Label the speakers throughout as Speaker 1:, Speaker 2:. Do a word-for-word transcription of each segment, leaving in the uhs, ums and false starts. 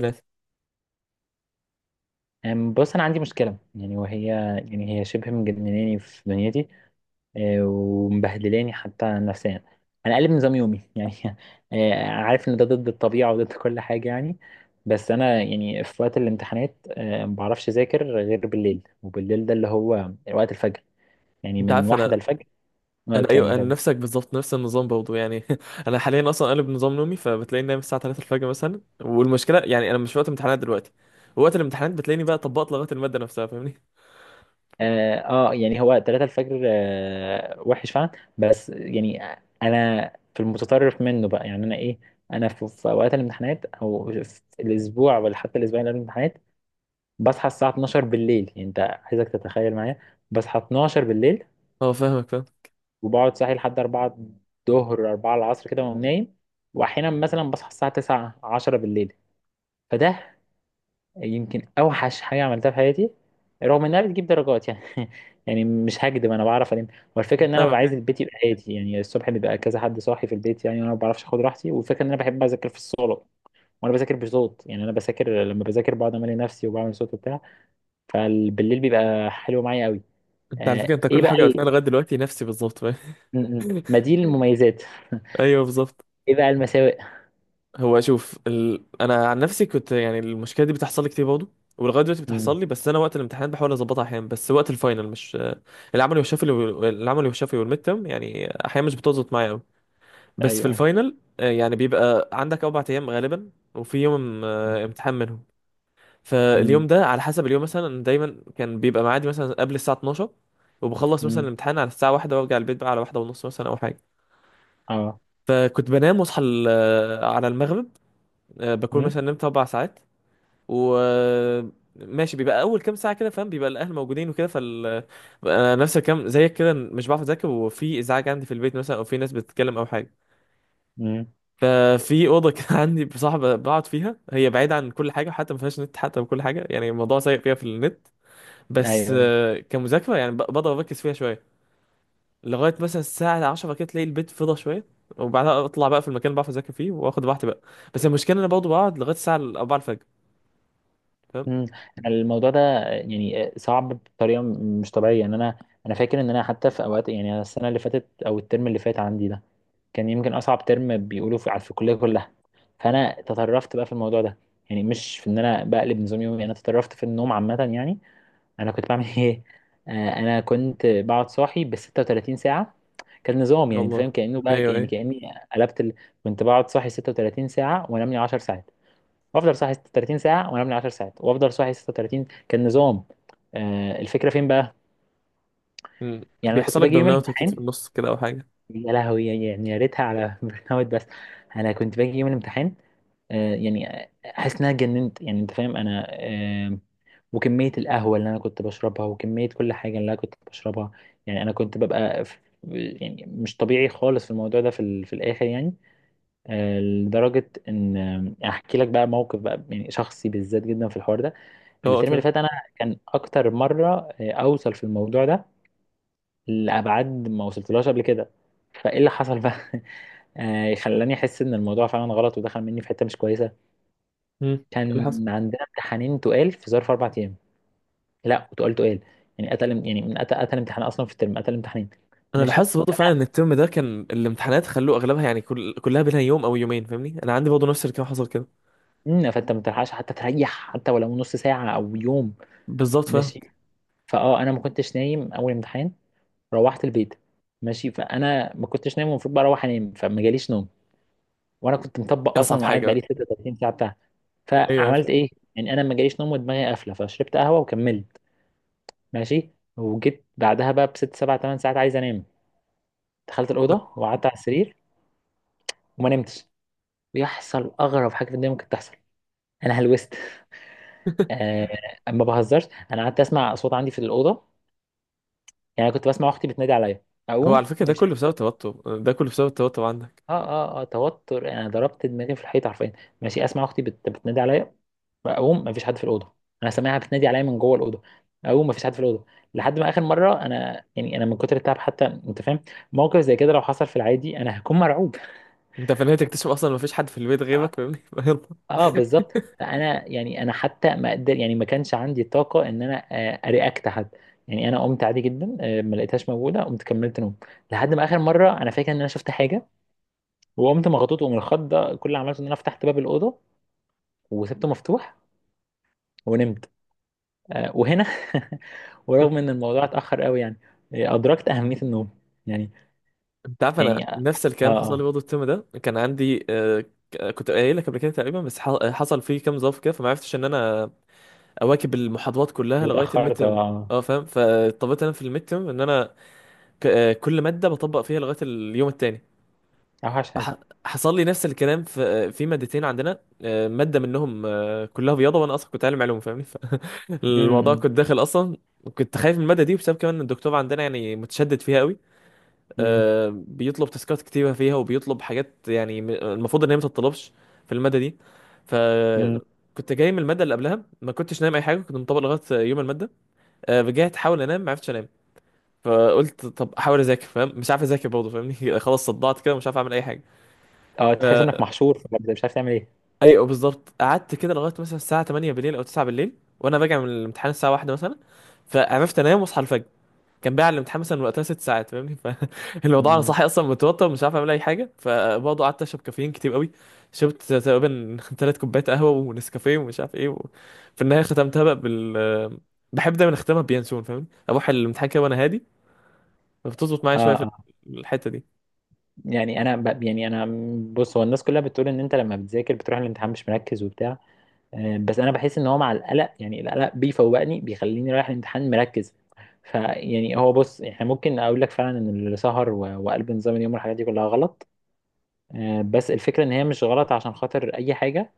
Speaker 1: ثلاثة.
Speaker 2: أم، بص انا عندي مشكله يعني، وهي يعني هي شبه مجنناني في دنيتي. أه، ومبهدلاني حتى نفسيا. انا قلب نظام يومي يعني. أه، عارف ان ده ضد الطبيعه وضد كل حاجه يعني. بس انا يعني في وقت الامتحانات أه، ما بعرفش اذاكر غير بالليل، وبالليل ده اللي هو وقت الفجر. يعني
Speaker 1: انت
Speaker 2: من
Speaker 1: عارف
Speaker 2: واحدة
Speaker 1: انا
Speaker 2: الفجر ما
Speaker 1: انا ايوه، انا
Speaker 2: اتكلم.
Speaker 1: نفسك بالظبط، نفس النظام برضه يعني. انا حاليا اصلا قلب نظام نومي، فبتلاقيني نايم الساعه ثلاثه الفجر مثلا، والمشكله يعني انا مش في وقت امتحانات دلوقتي. وقت الامتحانات بتلاقيني بقى طبقت لغايه الماده نفسها، فاهمني؟
Speaker 2: اه آه، يعني هو تلاته الفجر، آه وحش فعلا. بس يعني انا في المتطرف منه بقى، يعني انا ايه؟ انا في, في اوقات الامتحانات او في الاسبوع ولا حتى الاسبوعين اللي قبل الامتحانات بصحى الساعه اتناشر بالليل. يعني انت عايزك تتخيل معايا، بصحى اتناشر بالليل
Speaker 1: اه، فاهمك، فاهم،
Speaker 2: وبقعد صاحي لحد اربعه الظهر، الرابعه العصر كده، واقوم نايم. واحيانا مثلا بصحى الساعه تسعه، عشره بالليل. فده يمكن اوحش حاجه عملتها في حياتي، رغم انها بتجيب درجات يعني يعني مش هكدب، انا بعرف الم. والفكره ان انا ببقى
Speaker 1: فاهمك
Speaker 2: عايز
Speaker 1: يعني.
Speaker 2: البيت يبقى هادي. يعني الصبح بيبقى كذا حد صاحي في البيت يعني، وانا ما بعرفش اخد راحتي. والفكره ان انا بحب اذاكر في الصاله، وانا بذاكر بصوت. يعني انا بذاكر، لما بذاكر بقعد امالي نفسي وبعمل صوت وبتاع. فبالليل بيبقى حلو معايا قوي.
Speaker 1: انت على فكره،
Speaker 2: آه
Speaker 1: انت
Speaker 2: ايه
Speaker 1: كل
Speaker 2: بقى
Speaker 1: حاجه قلتها
Speaker 2: ال-
Speaker 1: لغايه دلوقتي نفسي بالظبط، فاهم؟
Speaker 2: م- م. ما دي المميزات
Speaker 1: ايوه بالظبط.
Speaker 2: ايه بقى المساوئ؟
Speaker 1: هو شوف ال... انا عن نفسي كنت يعني المشكله دي بتحصل لي كتير برضه، ولغايه دلوقتي
Speaker 2: م.
Speaker 1: بتحصل لي، بس انا وقت الامتحانات بحاول اظبطها احيانا. بس وقت الفاينل مش العملي والشفوي، العملي والشفوي والميد تيرم يعني احيانا مش بتظبط معايا. بس في
Speaker 2: ايوه، ايوه.
Speaker 1: الفاينل آه، يعني بيبقى عندك أربع أيام غالبا، وفي يوم
Speaker 2: م.
Speaker 1: آه، امتحان منهم.
Speaker 2: م.
Speaker 1: فاليوم ده على حسب اليوم، مثلا دايما كان بيبقى معادي مثلا قبل الساعة اثناعشر، وبخلص مثلا
Speaker 2: م.
Speaker 1: الامتحان على الساعة واحدة، وارجع البيت بقى على واحدة ونص مثلا أو حاجة.
Speaker 2: اه.
Speaker 1: فكنت بنام واصحى ال- آه، على المغرب. آه، بكون
Speaker 2: م.
Speaker 1: مثلا نمت أربع ساعات و آه، ماشي، بيبقى أول كام ساعة كده، فاهم، بيبقى الأهل موجودين وكده، فال آه، أنا نفس الكلام زيك كده، مش بعرف أذاكر، وفي إزعاج عندي في البيت مثلا، أو في ناس بتتكلم أو حاجة.
Speaker 2: م.
Speaker 1: ففي اوضه كان عندي بصاحبه بقعد فيها، هي بعيده عن كل حاجه، حتى ما فيهاش نت حتى، وكل حاجه، يعني الموضوع سيء فيها في النت. بس
Speaker 2: ايوه، أيوه.
Speaker 1: آه، كمذاكره يعني ب- بقدر اركز فيها شويه لغايه مثلا الساعه عشره كده، تلاقي البيت فضى شويه، وبعدها اطلع بقى في المكان اللي بعرف اذاكر فيه واخد راحتي بقى. بس المشكله إن انا برضه بقعد لغايه الساعه اربعه الفجر، فاهم؟
Speaker 2: مم. أنا الموضوع ده يعني صعب بطريقه مش طبيعيه يعني. انا انا فاكر ان انا حتى في اوقات، يعني أنا السنه اللي فاتت او الترم اللي فات عندي ده كان يمكن اصعب ترم بيقولوا في على- في الكليه كلها. فانا تطرفت بقى في الموضوع ده. يعني مش في ان انا بقلب نظام يومي، انا تطرفت في النوم عامه يعني. انا كنت بعمل ايه؟ آه، انا كنت بقعد صاحي ب ستة وثلاثين ساعه. كان نظام،
Speaker 1: يا
Speaker 2: يعني انت فاهم
Speaker 1: الله،
Speaker 2: كانه بقى
Speaker 1: ايوه،
Speaker 2: يعني
Speaker 1: ايوه،
Speaker 2: كاني قلبت ال... كنت بقعد صاحي سته وتلاتين ساعه، وانام لي عشر ساعات، وافضل صاحي ستة وثلاثين ساعه، وانا ابني عشر ساعات، وافضل صاحي سته وتلاتين. كان نظام. آه الفكره فين بقى؟
Speaker 1: مم.
Speaker 2: يعني انا كنت
Speaker 1: بيحصل لك
Speaker 2: باجي يوم
Speaker 1: برن اوت اكيد في
Speaker 2: الامتحان.
Speaker 1: النص كده او حاجه.
Speaker 2: يا لهوي، يعني يعني يا ريتها على برن اوت بس. انا كنت باجي يوم الامتحان آه يعني احس ان انا اتجننت. يعني انت فاهم انا آه وكميه القهوه اللي انا كنت بشربها، وكميه كل حاجه اللي انا كنت بشربها. يعني انا كنت ببقى في، يعني مش طبيعي خالص في الموضوع ده في, ال- في الاخر يعني. آه لدرجه ان، آه، احكي لك بقى موقف، بقى يعني شخصي بالذات جدا في الحوار ده.
Speaker 1: اه،
Speaker 2: الترم اللي
Speaker 1: تمام.
Speaker 2: فات انا كان اكتر مره آه، اوصل في الموضوع ده لابعاد ما وصلتلهاش قبل كده. فايه اللي حصل بقى آه، خلاني احس ان الموضوع فعلا غلط، ودخل مني في حته مش كويسه.
Speaker 1: مم. إيه اللي
Speaker 2: كان
Speaker 1: حصل؟
Speaker 2: عندنا امتحانين تقال في ظرف اربع ايام. لا، وتقال تقال. يعني قتل، يعني من قتل قتل امتحان اصلا في الترم، قتل امتحانين.
Speaker 1: انا
Speaker 2: ماشي.
Speaker 1: لاحظت برضه
Speaker 2: فانا
Speaker 1: فعلا ان الترم ده كان الامتحانات خلوه اغلبها، يعني كل... كلها بينها يوم او يومين، فاهمني؟ انا عندي برضه نفس الكلام حصل كده.
Speaker 2: مم، فانت ما بتلحقش حتى تريح، حتى ولو نص ساعه او يوم.
Speaker 1: بالظبط، فاهم.
Speaker 2: ماشي. فاه انا ما كنتش نايم اول امتحان. روحت البيت. ماشي، فانا ما كنتش نايم، المفروض بقى اروح انام، فما جاليش نوم. وانا كنت مطبق اصلا
Speaker 1: اصعب
Speaker 2: وقاعد
Speaker 1: حاجه
Speaker 2: بقالي
Speaker 1: بقى.
Speaker 2: ستة وثلاثين ساعه بتاعها.
Speaker 1: ايوه،
Speaker 2: فعملت
Speaker 1: أيوة.
Speaker 2: ايه؟ يعني انا ما جاليش نوم ودماغي قافله، فشربت قهوه وكملت. ماشي. وجيت بعدها بقى بست سبع ثمان ساعات عايز انام. دخلت الاوضه وقعدت على السرير، وما نمتش. ويحصل اغرب حاجه في الدنيا ممكن تحصل: انا هلوست. آه ما بهزرش. انا قعدت اسمع اصوات عندي في الاوضه. يعني أنا كنت بسمع اختي بتنادي عليا،
Speaker 1: هو على
Speaker 2: اقوم
Speaker 1: فكره، ده
Speaker 2: مفيش.
Speaker 1: كله بسبب التوتر، ده كله بسبب التوتر عندك.
Speaker 2: اه، اه، اه، توتر. يعني انا ضربت دماغي في الحيط حرفيا. ماشي، اسمع اختي بت... بتنادي عليا، اقوم مفيش حد في الاوضه. انا سامعها بتنادي عليا من جوه الاوضه، اقوم مفيش حد في الاوضه. لحد ما اخر مره انا، يعني انا من كتر التعب حتى انت فاهم، موقف زي كده لو حصل في العادي انا هكون مرعوب.
Speaker 1: انت في النهايه تكتشف اصلا ما فيش حد في البيت غيرك،
Speaker 2: اه،
Speaker 1: فاهمني؟ يلا.
Speaker 2: آه، بالظبط. انا، يعني انا حتى ما اقدر، يعني ما كانش عندي طاقه ان انا آه، ارياكت حد. يعني انا قمت عادي جدا، آه، ما لقيتهاش موجوده، قمت كملت نوم. لحد ما اخر مره، انا فاكر ان انا شفت حاجه، وقمت مغطوط، ومن الخض ده كل اللي عملته ان انا فتحت باب الاوضه وسبته مفتوح، ونمت. آه، وهنا ورغم ان الموضوع اتاخر قوي يعني، آه، ادركت اهميه النوم. يعني،
Speaker 1: انت عارف انا
Speaker 2: يعني
Speaker 1: نفس
Speaker 2: اه.
Speaker 1: الكلام حصل لي
Speaker 2: اه.
Speaker 1: برضه، الترم ده كان عندي آه، ك- كنت قايل لك قبل كده تقريبا، بس ح- حصل فيه كام ظرف كده، فما عرفتش ان انا اواكب المحاضرات كلها لغايه الميد
Speaker 2: واتاخرت،
Speaker 1: ترم.
Speaker 2: اه.
Speaker 1: اه، فاهم. فاضطريت انا في الميد ترم ان انا ك- آه، كل مادة بطبق فيها لغاية اليوم التاني.
Speaker 2: اوحش حاجه.
Speaker 1: فح- حصل لي نفس الكلام في آه، في مادتين عندنا، آه، مادة منهم آه، كلها بياضة، وانا اصلا كنت عالم علوم فاهمني، فالموضوع
Speaker 2: امم.
Speaker 1: كنت داخل اصلا، كنت خايف من المادة دي، بسبب كمان ان الدكتور عندنا يعني متشدد فيها قوي.
Speaker 2: امم.
Speaker 1: آه، بيطلب تاسكات كتيرة فيها، وبيطلب حاجات يعني م- المفروض ان هي ما تتطلبش في المادة دي.
Speaker 2: امم.
Speaker 1: فكنت جاي من المادة اللي قبلها، ما كنتش نايم اي حاجة، كنت مطبق لغاية يوم المادة. آه، رجعت احاول انام، ما عرفتش انام. فقلت طب احاول اذاكر، فاهم، مش عارف اذاكر برضه فاهمني، خلاص، صدعت كده، مش عارف اعمل اي حاجه.
Speaker 2: اه،
Speaker 1: ف...
Speaker 2: تحس انك محشور في مبدأ، مش عارف تعمل ايه.
Speaker 1: ايوه بالظبط، قعدت كده لغايه مثلا الساعه ثمانيه بالليل او تسعه بالليل، وانا راجع من الامتحان الساعه واحده مثلا. فعرفت انام واصحى الفجر. كان بقى على الامتحان مثلا وقتها ست ساعات فاهمني، فالموضوع انا
Speaker 2: امم.
Speaker 1: صاحي اصلا متوتر، مش عارف اعمل اي حاجه. فبرضه قعدت اشرب كافيين كتير قوي، شربت تقريبا ثلاث كوبايات قهوه ونسكافيه ومش عارف ايه و... في النهايه ختمتها بقى بال بحب دايما اختمها بيانسون، فاهمني؟ اروح الامتحان كده وانا هادي، فبتظبط معايا
Speaker 2: اه،
Speaker 1: شويه في
Speaker 2: اه.
Speaker 1: الحته دي.
Speaker 2: يعني انا ب... يعني انا، بص، هو الناس كلها بتقول ان انت لما بتذاكر بتروح الامتحان مش مركز وبتاع. آه، بس انا بحس ان هو مع القلق، يعني القلق بيفوقني، بيخليني رايح الامتحان مركز. فيعني هو، بص، احنا ممكن اقول لك فعلا ان السهر و- وقلب نظام اليوم والحاجات دي كلها غلط. آه، بس الفكره ان هي مش غلط عشان خاطر اي حاجه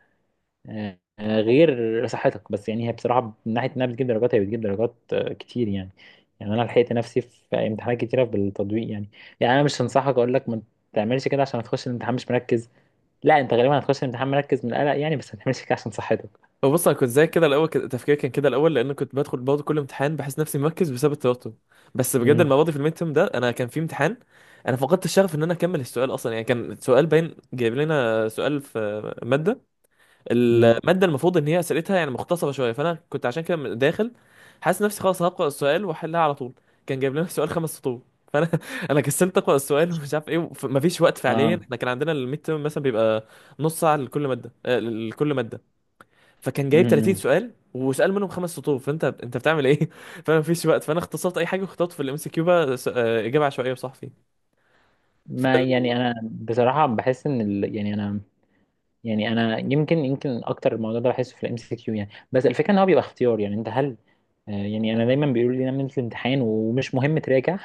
Speaker 2: آه، آه، غير صحتك. بس يعني هي بصراحه من ناحيه انها بتجيب درجات، هي بتجيب درجات آه، كتير يعني. يعني انا لحقت نفسي في امتحانات كتيره بالتطبيق يعني. يعني انا مش هنصحك اقول لك ما تعملش كده عشان هتخش الامتحان مش مركز، لا، انت غالبا هتخش الامتحان مركز من القلق يعني، بس ما تعملش كده عشان صحتك.
Speaker 1: بص، انا كنت زي كده الاول، كده تفكيري كان كده الاول، لان كنت بدخل برضه كل امتحان بحس نفسي مركز بسبب التوتر. بس بجد
Speaker 2: امم.
Speaker 1: المره دي في الميد تيرم ده، انا كان في امتحان، انا فقدت الشغف ان انا اكمل السؤال اصلا. يعني كان سؤال باين جايب لنا سؤال في ماده،
Speaker 2: امم.
Speaker 1: الماده المفروض ان هي اسئلتها يعني مختصره شويه، فانا كنت عشان كده داخل حاسس نفسي خلاص هقرا السؤال واحلها على طول. كان جايب لنا سؤال خمس سطور. فانا انا كسلت اقرا السؤال، ومش عارف ايه، وف- مفيش وقت،
Speaker 2: اه.
Speaker 1: فعليا احنا كان عندنا الميد تيرم مثلا بيبقى نص ساعه لكل ماده، آه، لكل ماده. فكان جايب تلاتين
Speaker 2: امم.
Speaker 1: سؤال، وسأل منهم خمس سطور، فانت انت بتعمل ايه؟ فانا مفيش وقت، فانا اختصرت اي حاجه، واخترت في الام سي كيو بقى س- آه، اجابه عشوائيه وصحفي.
Speaker 2: ما،
Speaker 1: فال-
Speaker 2: يعني انا بصراحه بحس ان ال... يعني انا، يعني انا يمكن يمكن اكتر الموضوع ده بحسه في الام سي كيو يعني. بس الفكره ان هو بيبقى اختيار. يعني انت هل، آه، يعني انا دايما بيقولوا لي نعمل الامتحان ومش مهم تراجع.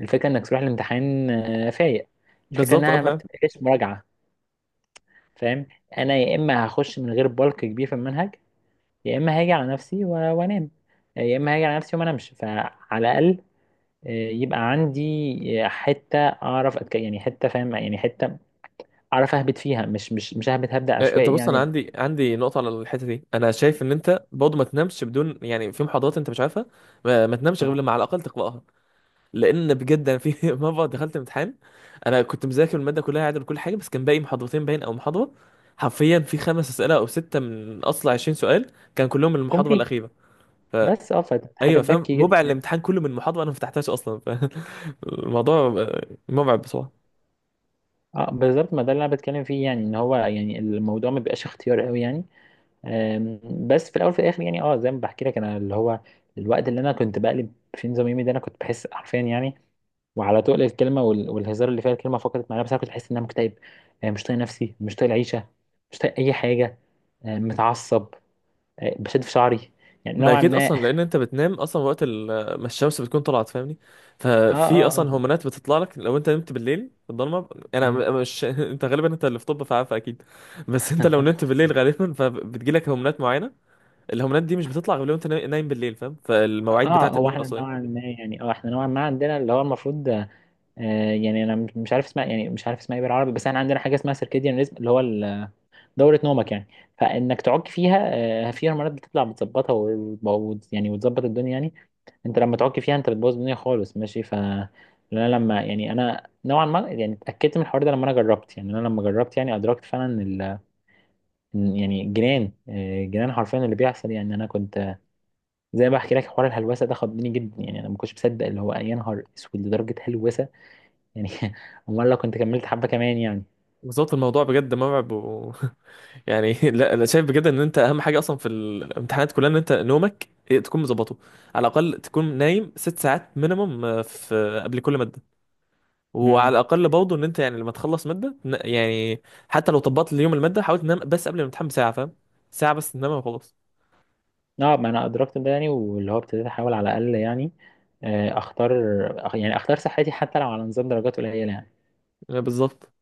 Speaker 2: الفكره انك تروح الامتحان آه، فايق. الفكره
Speaker 1: بالظبط، اه،
Speaker 2: انها ما
Speaker 1: فعلا.
Speaker 2: بتبقاش مراجعه. فاهم. انا يا اما هخش من غير بلك كبير في المنهج، يا اما هاجي على نفسي و- وانام، يا اما هاجي على نفسي وما انامش، فعلى الاقل يبقى عندي حتة أعرف أتك... يعني حتة، فاهم، يعني حتة أعرف أهبط فيها، مش مش مش أهبط هبدأ
Speaker 1: آه، انت
Speaker 2: عشوائي
Speaker 1: بص، انا
Speaker 2: يعني.
Speaker 1: عندي عندي نقطه على الحته دي. انا شايف ان انت برضه ما تنامش، بدون يعني في محاضرات انت مش عارفها ما, ما تنامش غير
Speaker 2: آه،
Speaker 1: لما على الاقل تقراها. لان بجد انا في مره دخلت امتحان، انا كنت مذاكر الماده كلها عادل وكل حاجه، بس كان باقي محاضرتين باين او محاضره. حرفيا في خمس اسئله او سته من اصل عشرين سؤال كان كلهم من
Speaker 2: جم
Speaker 1: المحاضره
Speaker 2: فيها،
Speaker 1: الاخيره.
Speaker 2: بس اه، فحاجة
Speaker 1: ايوه، فاهم؟
Speaker 2: تبكي
Speaker 1: ربع
Speaker 2: جدا.
Speaker 1: الامتحان كله من محاضره انا ما فتحتهاش اصلا، فالموضوع مرعب بصراحه.
Speaker 2: اه، بالظبط. ما ده اللي أنا بتكلم فيه، يعني إن هو يعني الموضوع ما بيبقاش اختيار قوي يعني. آم، بس في الأول في الآخر يعني، اه زي ما بحكي لك أنا، اللي هو الوقت اللي أنا كنت بقلب في نظام يومي ده، أنا كنت بحس حرفيا، يعني وعلى تقل الكلمه وال- والهزار اللي فيها الكلمه فقدت معناها، بس انا كنت بحس ان انا مكتئب، آه، مش طايق نفسي، مش طايق العيشه، مش طايق اي حاجه، آه، متعصب، آه، بشد في شعري. يعني
Speaker 1: ما
Speaker 2: نوعا
Speaker 1: اكيد
Speaker 2: ما اه.
Speaker 1: اصلا، لان انت بتنام اصلا وقت ال- ما الشمس بتكون طلعت، فاهمني.
Speaker 2: اه.
Speaker 1: ففي اصلا
Speaker 2: اه.
Speaker 1: هرمونات بتطلع لك لو انت نمت بالليل في الضلمه، يعني
Speaker 2: مم.
Speaker 1: انا م- مش انت غالبا انت اللي في طب فعارف اكيد. بس انت لو نمت بالليل غالبا فبتجي لك هرمونات معينه. الهرمونات دي مش بتطلع غير لو انت نا- نايم بالليل، فاهم؟ فالمواعيد
Speaker 2: اه،
Speaker 1: بتاعت
Speaker 2: هو
Speaker 1: النوم
Speaker 2: احنا نوعا
Speaker 1: الاصليه.
Speaker 2: ما يعني، اه احنا نوعا ما عندنا اللي هو المفروض، آه يعني انا مش عارف اسمها، يعني مش عارف اسمها ايه بالعربي، بس احنا عندنا حاجه اسمها سيركيديان ريزم، اللي هو ال- دوره نومك يعني، فانك تعك فيها. آه في هرمونات بتطلع بتظبطها و- و- يعني وتظبط الدنيا يعني. انت لما تعك فيها انت بتبوظ الدنيا خالص. ماشي. ف، انا لما، يعني انا نوعا ما يعني اتاكدت من الحوار ده لما انا جربت، يعني انا لما جربت يعني ادركت فعلا. م- يعني جيران، آه، جيران حرفيا اللي بيحصل. يعني انا كنت، زي ما بحكي لك، حوار الهلوسه ده خضني جدا. يعني انا ما كنتش مصدق، اللي هو يا نهار اسود لدرجه هلوسه يعني امال لو كنت كملت حبه كمان يعني.
Speaker 1: بالظبط الموضوع بجد مرعب. يعني لا، انا شايف بجد ان انت اهم حاجه اصلا في الامتحانات كلها ان انت نومك إيه، تكون مظبطه. على الاقل تكون نايم ست ساعات مينيمم في آه، قبل كل ماده. وعلى
Speaker 2: امم.
Speaker 1: الاقل برضه ان انت يعني لما تخلص ماده، ن- يعني حتى لو طبقت اليوم الماده، حاول تنام بس قبل الامتحان بساعه، فاهم، ساعه بس تنام وخلاص.
Speaker 2: اه، ما انا ادركت ده يعني، واللي هو ابتديت احاول على الاقل يعني آه، اختار، أخ- يعني اختار صحتي حتى لو على نظام درجات قليله يعني.
Speaker 1: يعني بالظبط.